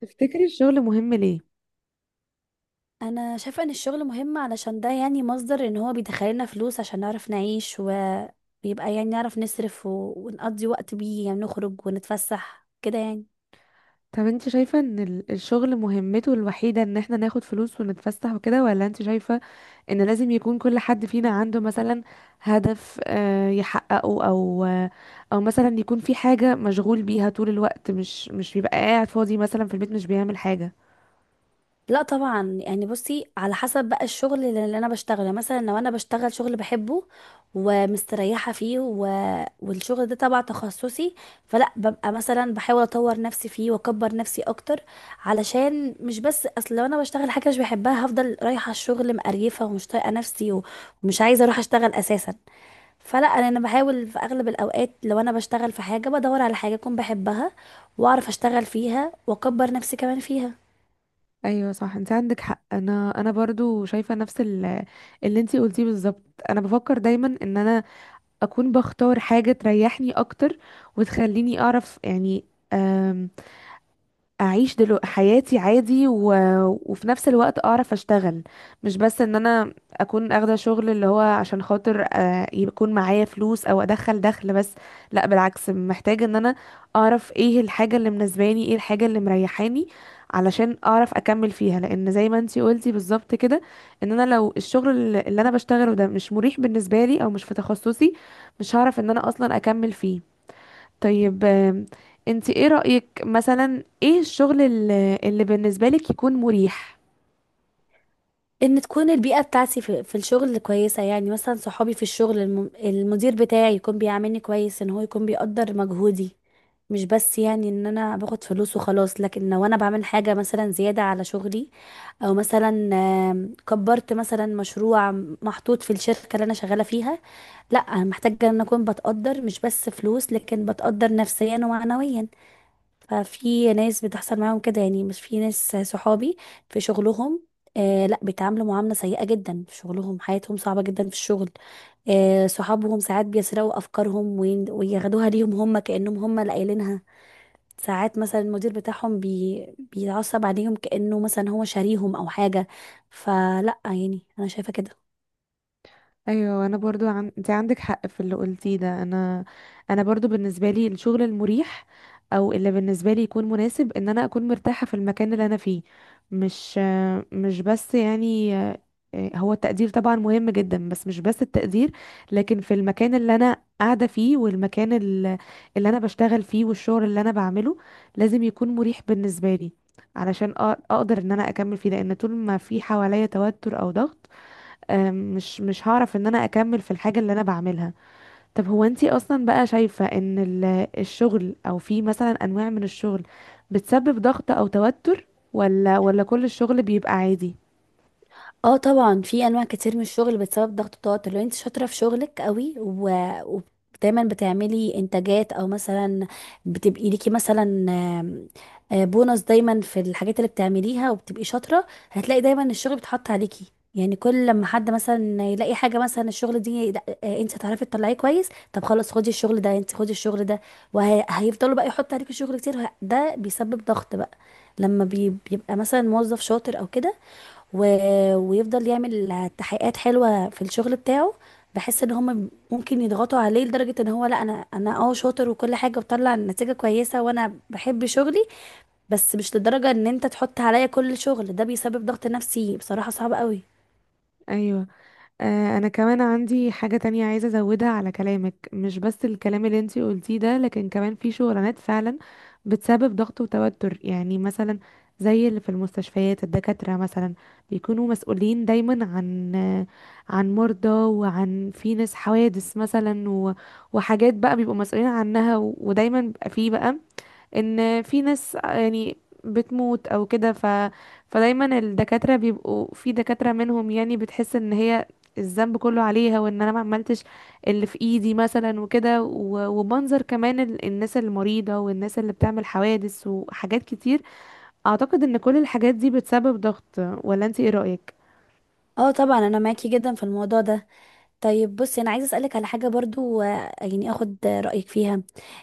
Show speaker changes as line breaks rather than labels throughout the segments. تفتكري الشغل مهم ليه؟
انا شايفه ان الشغل مهم علشان ده يعني مصدر ان هو بيدخلنا فلوس عشان نعرف نعيش وبيبقى يعني نعرف نصرف ونقضي وقت بيه يعني نخرج ونتفسح كده يعني.
طب انت شايفة ان الشغل مهمته الوحيدة ان احنا ناخد فلوس ونتفسح وكده، ولا انت شايفة ان لازم يكون كل حد فينا عنده مثلا هدف يحققه، او او مثلا يكون في حاجة مشغول بيها طول الوقت، مش بيبقى قاعد فاضي مثلا في البيت مش بيعمل حاجة.
لا طبعا يعني بصي على حسب بقى الشغل اللي انا بشتغله، مثلا لو انا بشتغل شغل بحبه ومستريحه فيه والشغل ده تبع تخصصي، فلا ببقى مثلا بحاول اطور نفسي فيه واكبر نفسي اكتر، علشان مش بس اصل لو انا بشتغل حاجه مش بحبها هفضل رايحه الشغل مقريفه ومش طايقه نفسي ومش عايزه اروح اشتغل اساسا. فلا أنا بحاول في اغلب الاوقات لو انا بشتغل في حاجه بدور على حاجه اكون بحبها واعرف اشتغل فيها واكبر نفسي كمان فيها.
ايوه صح، انت عندك حق. انا برضو شايفة نفس اللي انت قلتيه بالظبط. انا بفكر دايما ان انا اكون بختار حاجة تريحني اكتر وتخليني اعرف يعني اعيش دلو حياتي عادي، وفي نفس الوقت اعرف اشتغل. مش بس ان انا اكون اخده شغل اللي هو عشان خاطر يكون معايا فلوس او ادخل دخل بس. لا بالعكس، محتاجه ان انا اعرف ايه الحاجه اللي مناسباني، ايه الحاجه اللي مريحاني، علشان اعرف اكمل فيها. لان زي ما انتي قلتي بالظبط كده، ان انا لو الشغل اللي انا بشتغله ده مش مريح بالنسبه لي او مش في تخصصي، مش هعرف ان انا اصلا اكمل فيه. طيب انت ايه رأيك مثلا، ايه الشغل اللي بالنسبة لك يكون مريح؟
ان تكون البيئة بتاعتي في الشغل كويسة، يعني مثلا صحابي في الشغل، المدير بتاعي يكون بيعاملني كويس، ان هو يكون بيقدر مجهودي، مش بس يعني ان انا باخد فلوس وخلاص. لكن لو انا بعمل حاجة مثلا زيادة على شغلي، او مثلا كبرت مثلا مشروع محطوط في الشركة اللي انا شغالة فيها، لا انا محتاجة ان اكون بتقدر، مش بس فلوس لكن بتقدر نفسيا ومعنويا. ففي ناس بتحصل معاهم كده، يعني مش في ناس صحابي في شغلهم، آه لا، بيتعاملوا معاملة سيئة جدا في شغلهم، حياتهم صعبة جدا في الشغل. آه صحابهم ساعات بيسرقوا أفكارهم وياخدوها ليهم هم كأنهم هم اللي قايلينها. ساعات مثلا المدير بتاعهم بيتعصب عليهم كأنه مثلا هو شاريهم أو حاجة. فلا يعني أنا شايفة كده.
ايوه انا برضو انت عندك حق في اللي قلتيه ده. انا برضو بالنسبه لي الشغل المريح او اللي بالنسبه لي يكون مناسب، ان انا اكون مرتاحه في المكان اللي انا فيه. مش مش بس يعني هو التقدير طبعا مهم جدا، بس مش بس التقدير، لكن في المكان اللي انا قاعده فيه، والمكان اللي انا بشتغل فيه، والشغل اللي انا بعمله لازم يكون مريح بالنسبه لي علشان اقدر ان انا اكمل فيه. لان طول ما في حواليا توتر او ضغط، آم، مش مش هعرف ان انا اكمل في الحاجة اللي انا بعملها. طب هو انتي اصلا بقى شايفة ان الشغل، او في مثلا انواع من الشغل بتسبب ضغط او توتر، ولا كل الشغل بيبقى عادي؟
اه طبعا في انواع كتير من الشغل بتسبب ضغط التوتر. لو انت شاطره في شغلك قوي و... دايما بتعملي انتاجات، او مثلا بتبقي ليكي مثلا بونص دايما في الحاجات اللي بتعمليها وبتبقي شاطره، هتلاقي دايما الشغل بيتحط عليكي. يعني كل لما حد مثلا يلاقي حاجه، مثلا الشغل دي، لا آه، انت هتعرفي تطلعيه كويس، طب خلاص خدي الشغل ده، انت خدي الشغل ده، وهيفضلوا بقى يحطوا عليكي شغل كتير، ده بيسبب ضغط بقى. لما بيبقى مثلا موظف شاطر او كده و... ويفضل يعمل تحقيقات حلوه في الشغل بتاعه، بحس ان هم ممكن يضغطوا عليه لدرجه ان هو، لا انا اه شاطر وكل حاجه وبطلع نتيجه كويسه وانا بحب شغلي، بس مش لدرجه ان انت تحط عليا كل الشغل ده، بيسبب ضغط نفسي بصراحه صعب قوي.
ايوه. انا كمان عندي حاجة تانية عايزة ازودها على كلامك. مش بس الكلام اللي انتي قلتيه ده، لكن كمان في شغلانات فعلا بتسبب ضغط وتوتر. يعني مثلا زي اللي في المستشفيات، الدكاترة مثلا بيكونوا مسؤولين دايما عن عن مرضى، وعن في ناس حوادث مثلا، وحاجات بقى بيبقوا مسؤولين عنها، ودايما بيبقى في بقى ان في ناس يعني بتموت او كده. فدايما الدكاترة بيبقوا، في دكاترة منهم يعني بتحس ان هي الذنب كله عليها، وان انا ما عملتش اللي في ايدي مثلا وكده، ومنظر كمان الناس المريضة، والناس اللي بتعمل حوادث، وحاجات كتير. اعتقد ان كل الحاجات دي بتسبب ضغط، ولا انت ايه رأيك؟
اه طبعا انا معاكي جدا في الموضوع ده. طيب بصي، انا عايزه اسالك على حاجه برضو، يعني اخد رايك فيها.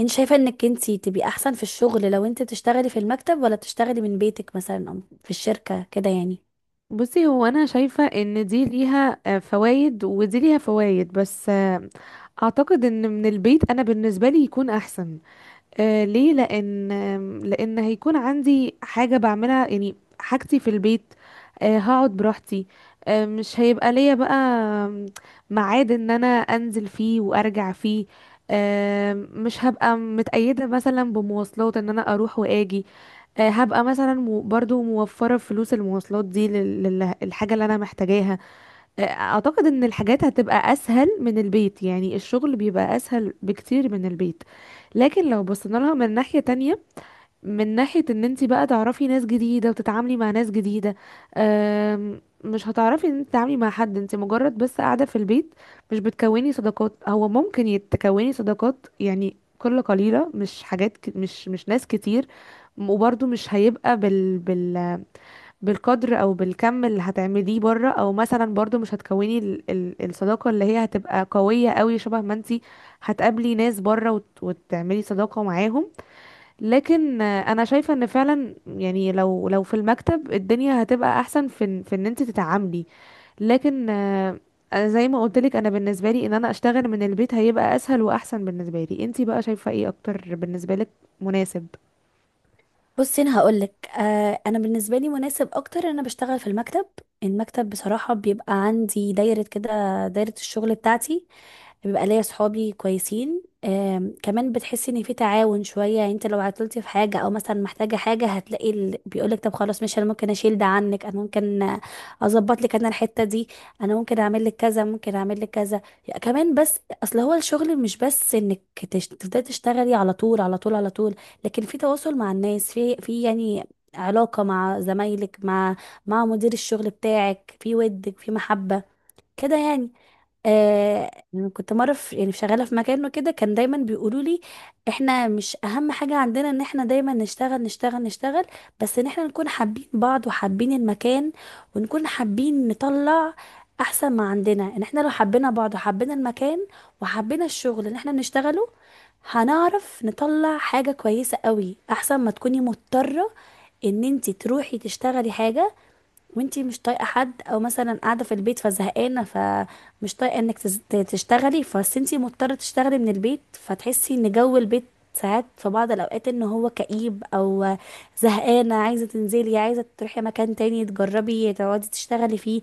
انت شايفه انك انت تبقي احسن في الشغل لو انت بتشتغلي في المكتب، ولا بتشتغلي من بيتك مثلا او في الشركه كده يعني؟
بصي، هو انا شايفة ان دي ليها فوائد ودي ليها فوائد، بس اعتقد ان من البيت انا بالنسبة لي يكون احسن. آه ليه؟ لان لان هيكون عندي حاجه بعملها يعني، حاجتي في البيت. آه هقعد براحتي. آه مش هيبقى ليا بقى آم، ميعاد ان انا انزل فيه وارجع فيه. آه مش هبقى متقيده مثلا بمواصلات ان انا اروح واجي. آه هبقى مثلا برضو موفره فلوس المواصلات دي للحاجه اللي انا محتاجاها. اعتقد ان الحاجات هتبقى اسهل من البيت. يعني الشغل بيبقى اسهل بكتير من البيت. لكن لو بصينا لها من ناحية تانية، من ناحية ان انت بقى تعرفي ناس جديدة وتتعاملي مع ناس جديدة، مش هتعرفي ان انت تتعاملي مع حد انت مجرد بس قاعدة في البيت. مش بتكوني صداقات. هو ممكن يتكوني صداقات يعني قلة قليلة، مش حاجات ك... مش مش ناس كتير. وبرضه مش هيبقى بالقدر او بالكم اللي هتعمليه بره. او مثلا برضو مش هتكوني ال الصداقة اللي هي هتبقى قوية قوي، شبه ما انتي هتقابلي ناس بره وتعملي صداقة معاهم. لكن انا شايفة ان فعلا يعني لو لو في المكتب الدنيا هتبقى احسن، في ان انتي تتعاملي. لكن أنا زي ما قلت لك، انا بالنسبة لي ان انا اشتغل من البيت هيبقى اسهل واحسن بالنسبة لي. انتي بقى شايفة ايه اكتر بالنسبة لك مناسب؟
بصي انا هقولك، آه انا بالنسبه لي مناسب اكتر ان انا بشتغل في المكتب. المكتب بصراحه بيبقى عندي دايره كده، دايره الشغل بتاعتي، بيبقى ليا صحابي كويسين، كمان بتحس ان في تعاون شويه. يعني انت لو عطلتي في حاجه او مثلا محتاجه حاجه هتلاقي بيقولك طب خلاص، مش انا ممكن اشيل ده عنك، انا ممكن اظبط لك انا الحته دي، انا ممكن اعمل لك كذا، ممكن اعمل لك كذا. يعني كمان بس اصل هو الشغل مش بس انك تبداي تشتغلي على طول على طول على طول، لكن في تواصل مع الناس، في يعني علاقه مع زمايلك، مع مدير الشغل بتاعك، في ودك في محبه كده يعني. آه كنت مره في يعني شغاله في مكانه كده، كان دايما بيقولوا لي احنا مش اهم حاجه عندنا ان احنا دايما نشتغل نشتغل نشتغل، بس ان احنا نكون حابين بعض وحابين المكان، ونكون حابين نطلع احسن ما عندنا، ان احنا لو حبينا بعض وحبينا المكان وحبينا الشغل اللي احنا بنشتغله هنعرف نطلع حاجه كويسه قوي، احسن ما تكوني مضطره ان انت تروحي تشتغلي حاجه وانتي مش طايقه حد. او مثلا قاعده في البيت فزهقانه فمش طايقه انك تشتغلي، فبس انتي مضطره تشتغلي من البيت، فتحسي ان جو البيت ساعات في بعض الاوقات ان هو كئيب او زهقانه، عايزه تنزلي، عايزه تروحي مكان تاني تجربي تقعدي تشتغلي فيه،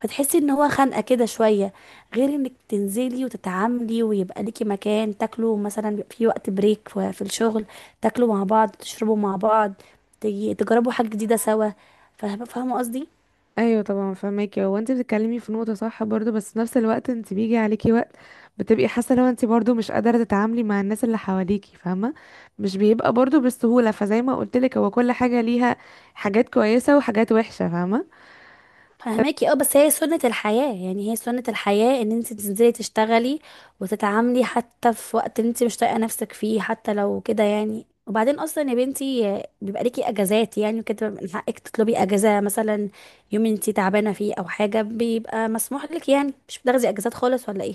فتحسي ان هو خانقه كده شويه. غير انك تنزلي وتتعاملي ويبقى ليكي مكان تاكلوا مثلا، بيبقى في وقت بريك في في الشغل تاكلوا مع بعض، تشربوا مع بعض، تجربوا حاجه جديده سوا. فاهمه، فاهمة قصدي؟
ايوه طبعا فهماكي. هو انت بتتكلمي في نقطه صح برضو، بس في نفس الوقت انت بيجي عليكي وقت بتبقي حاسه لو انت برضو مش قادره تتعاملي مع الناس اللي حواليكي، فاهمه؟ مش بيبقى برضو بالسهوله. فزي ما قلت لك، هو كل حاجه ليها حاجات كويسه وحاجات وحشه، فاهمه.
فهماكي اه، بس هي سنة الحياة، يعني هي سنة الحياة ان انت تنزلي تشتغلي وتتعاملي حتى في وقت انت مش طايقة نفسك فيه، حتى لو كده يعني. وبعدين اصلا يا بنتي بيبقى ليكي اجازات يعني وكده، من حقك تطلبي اجازة مثلا يوم انت تعبانة فيه او حاجة، بيبقى مسموح لك يعني، مش بتاخدي اجازات خالص ولا ايه؟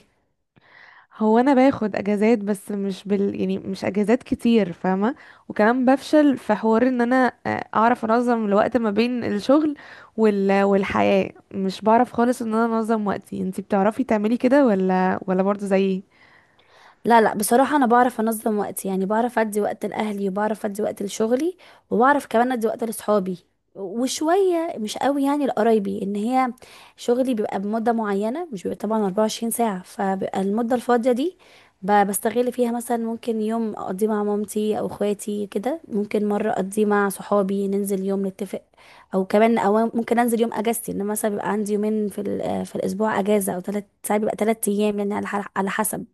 هو انا باخد اجازات، بس مش بال يعني مش اجازات كتير، فاهمه. وكمان بفشل في حوار ان انا اعرف انظم الوقت ما بين الشغل والحياه. مش بعرف خالص ان انا انظم وقتي. انتي بتعرفي تعملي كده ولا برضه زيي؟
لا بصراحة أنا بعرف أنظم وقتي، يعني بعرف أدي وقت لأهلي، وبعرف أدي وقت لشغلي، وبعرف كمان أدي وقت لأصحابي، وشوية مش قوي يعني لقرايبي. إن هي شغلي بيبقى بمدة معينة، مش بيبقى طبعا 24 ساعة، فبيبقى المدة الفاضية دي بستغل فيها، مثلا ممكن يوم أقضيه مع مامتي أو إخواتي كده، ممكن مرة أقضيه مع صحابي ننزل يوم نتفق، أو كمان أو ممكن أنزل يوم أجازتي، إن مثلا بيبقى عندي يومين في الأسبوع أجازة، أو تلات ساعات، بيبقى تلات أيام يعني على حسب.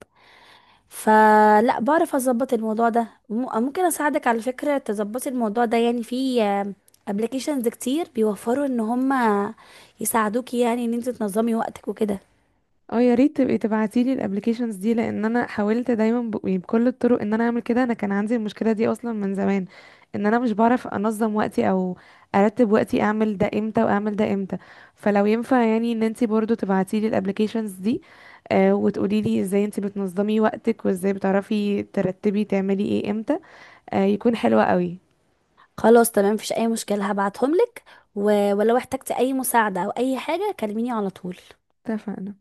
فلا بعرف اظبط الموضوع ده، ممكن اساعدك على فكرة تظبطي الموضوع ده. يعني في ابلكيشنز كتير بيوفروا ان هما يساعدوكي، يعني ان انت تنظمي وقتك وكده.
اه يا ريت تبقي تبعتيلي الابلكيشنز دي، لان انا حاولت دايما يعني بكل الطرق ان انا اعمل كده. انا كان عندي المشكله دي اصلا من زمان، ان انا مش بعرف انظم وقتي او ارتب وقتي، اعمل ده امتى واعمل ده امتى. فلو ينفع يعني ان انتي برضو تبعتيلي الابلكيشنز دي، آه وتقوليلي ازاي انتي بتنظمي وقتك وازاي بتعرفي ترتبي تعملي ايه امتى، آه يكون حلوة قوي.
خلاص تمام، مفيش اي مشكلة، هبعتهم لك. ولو احتجتي اي مساعدة او اي حاجة كلميني على طول.
اتفقنا.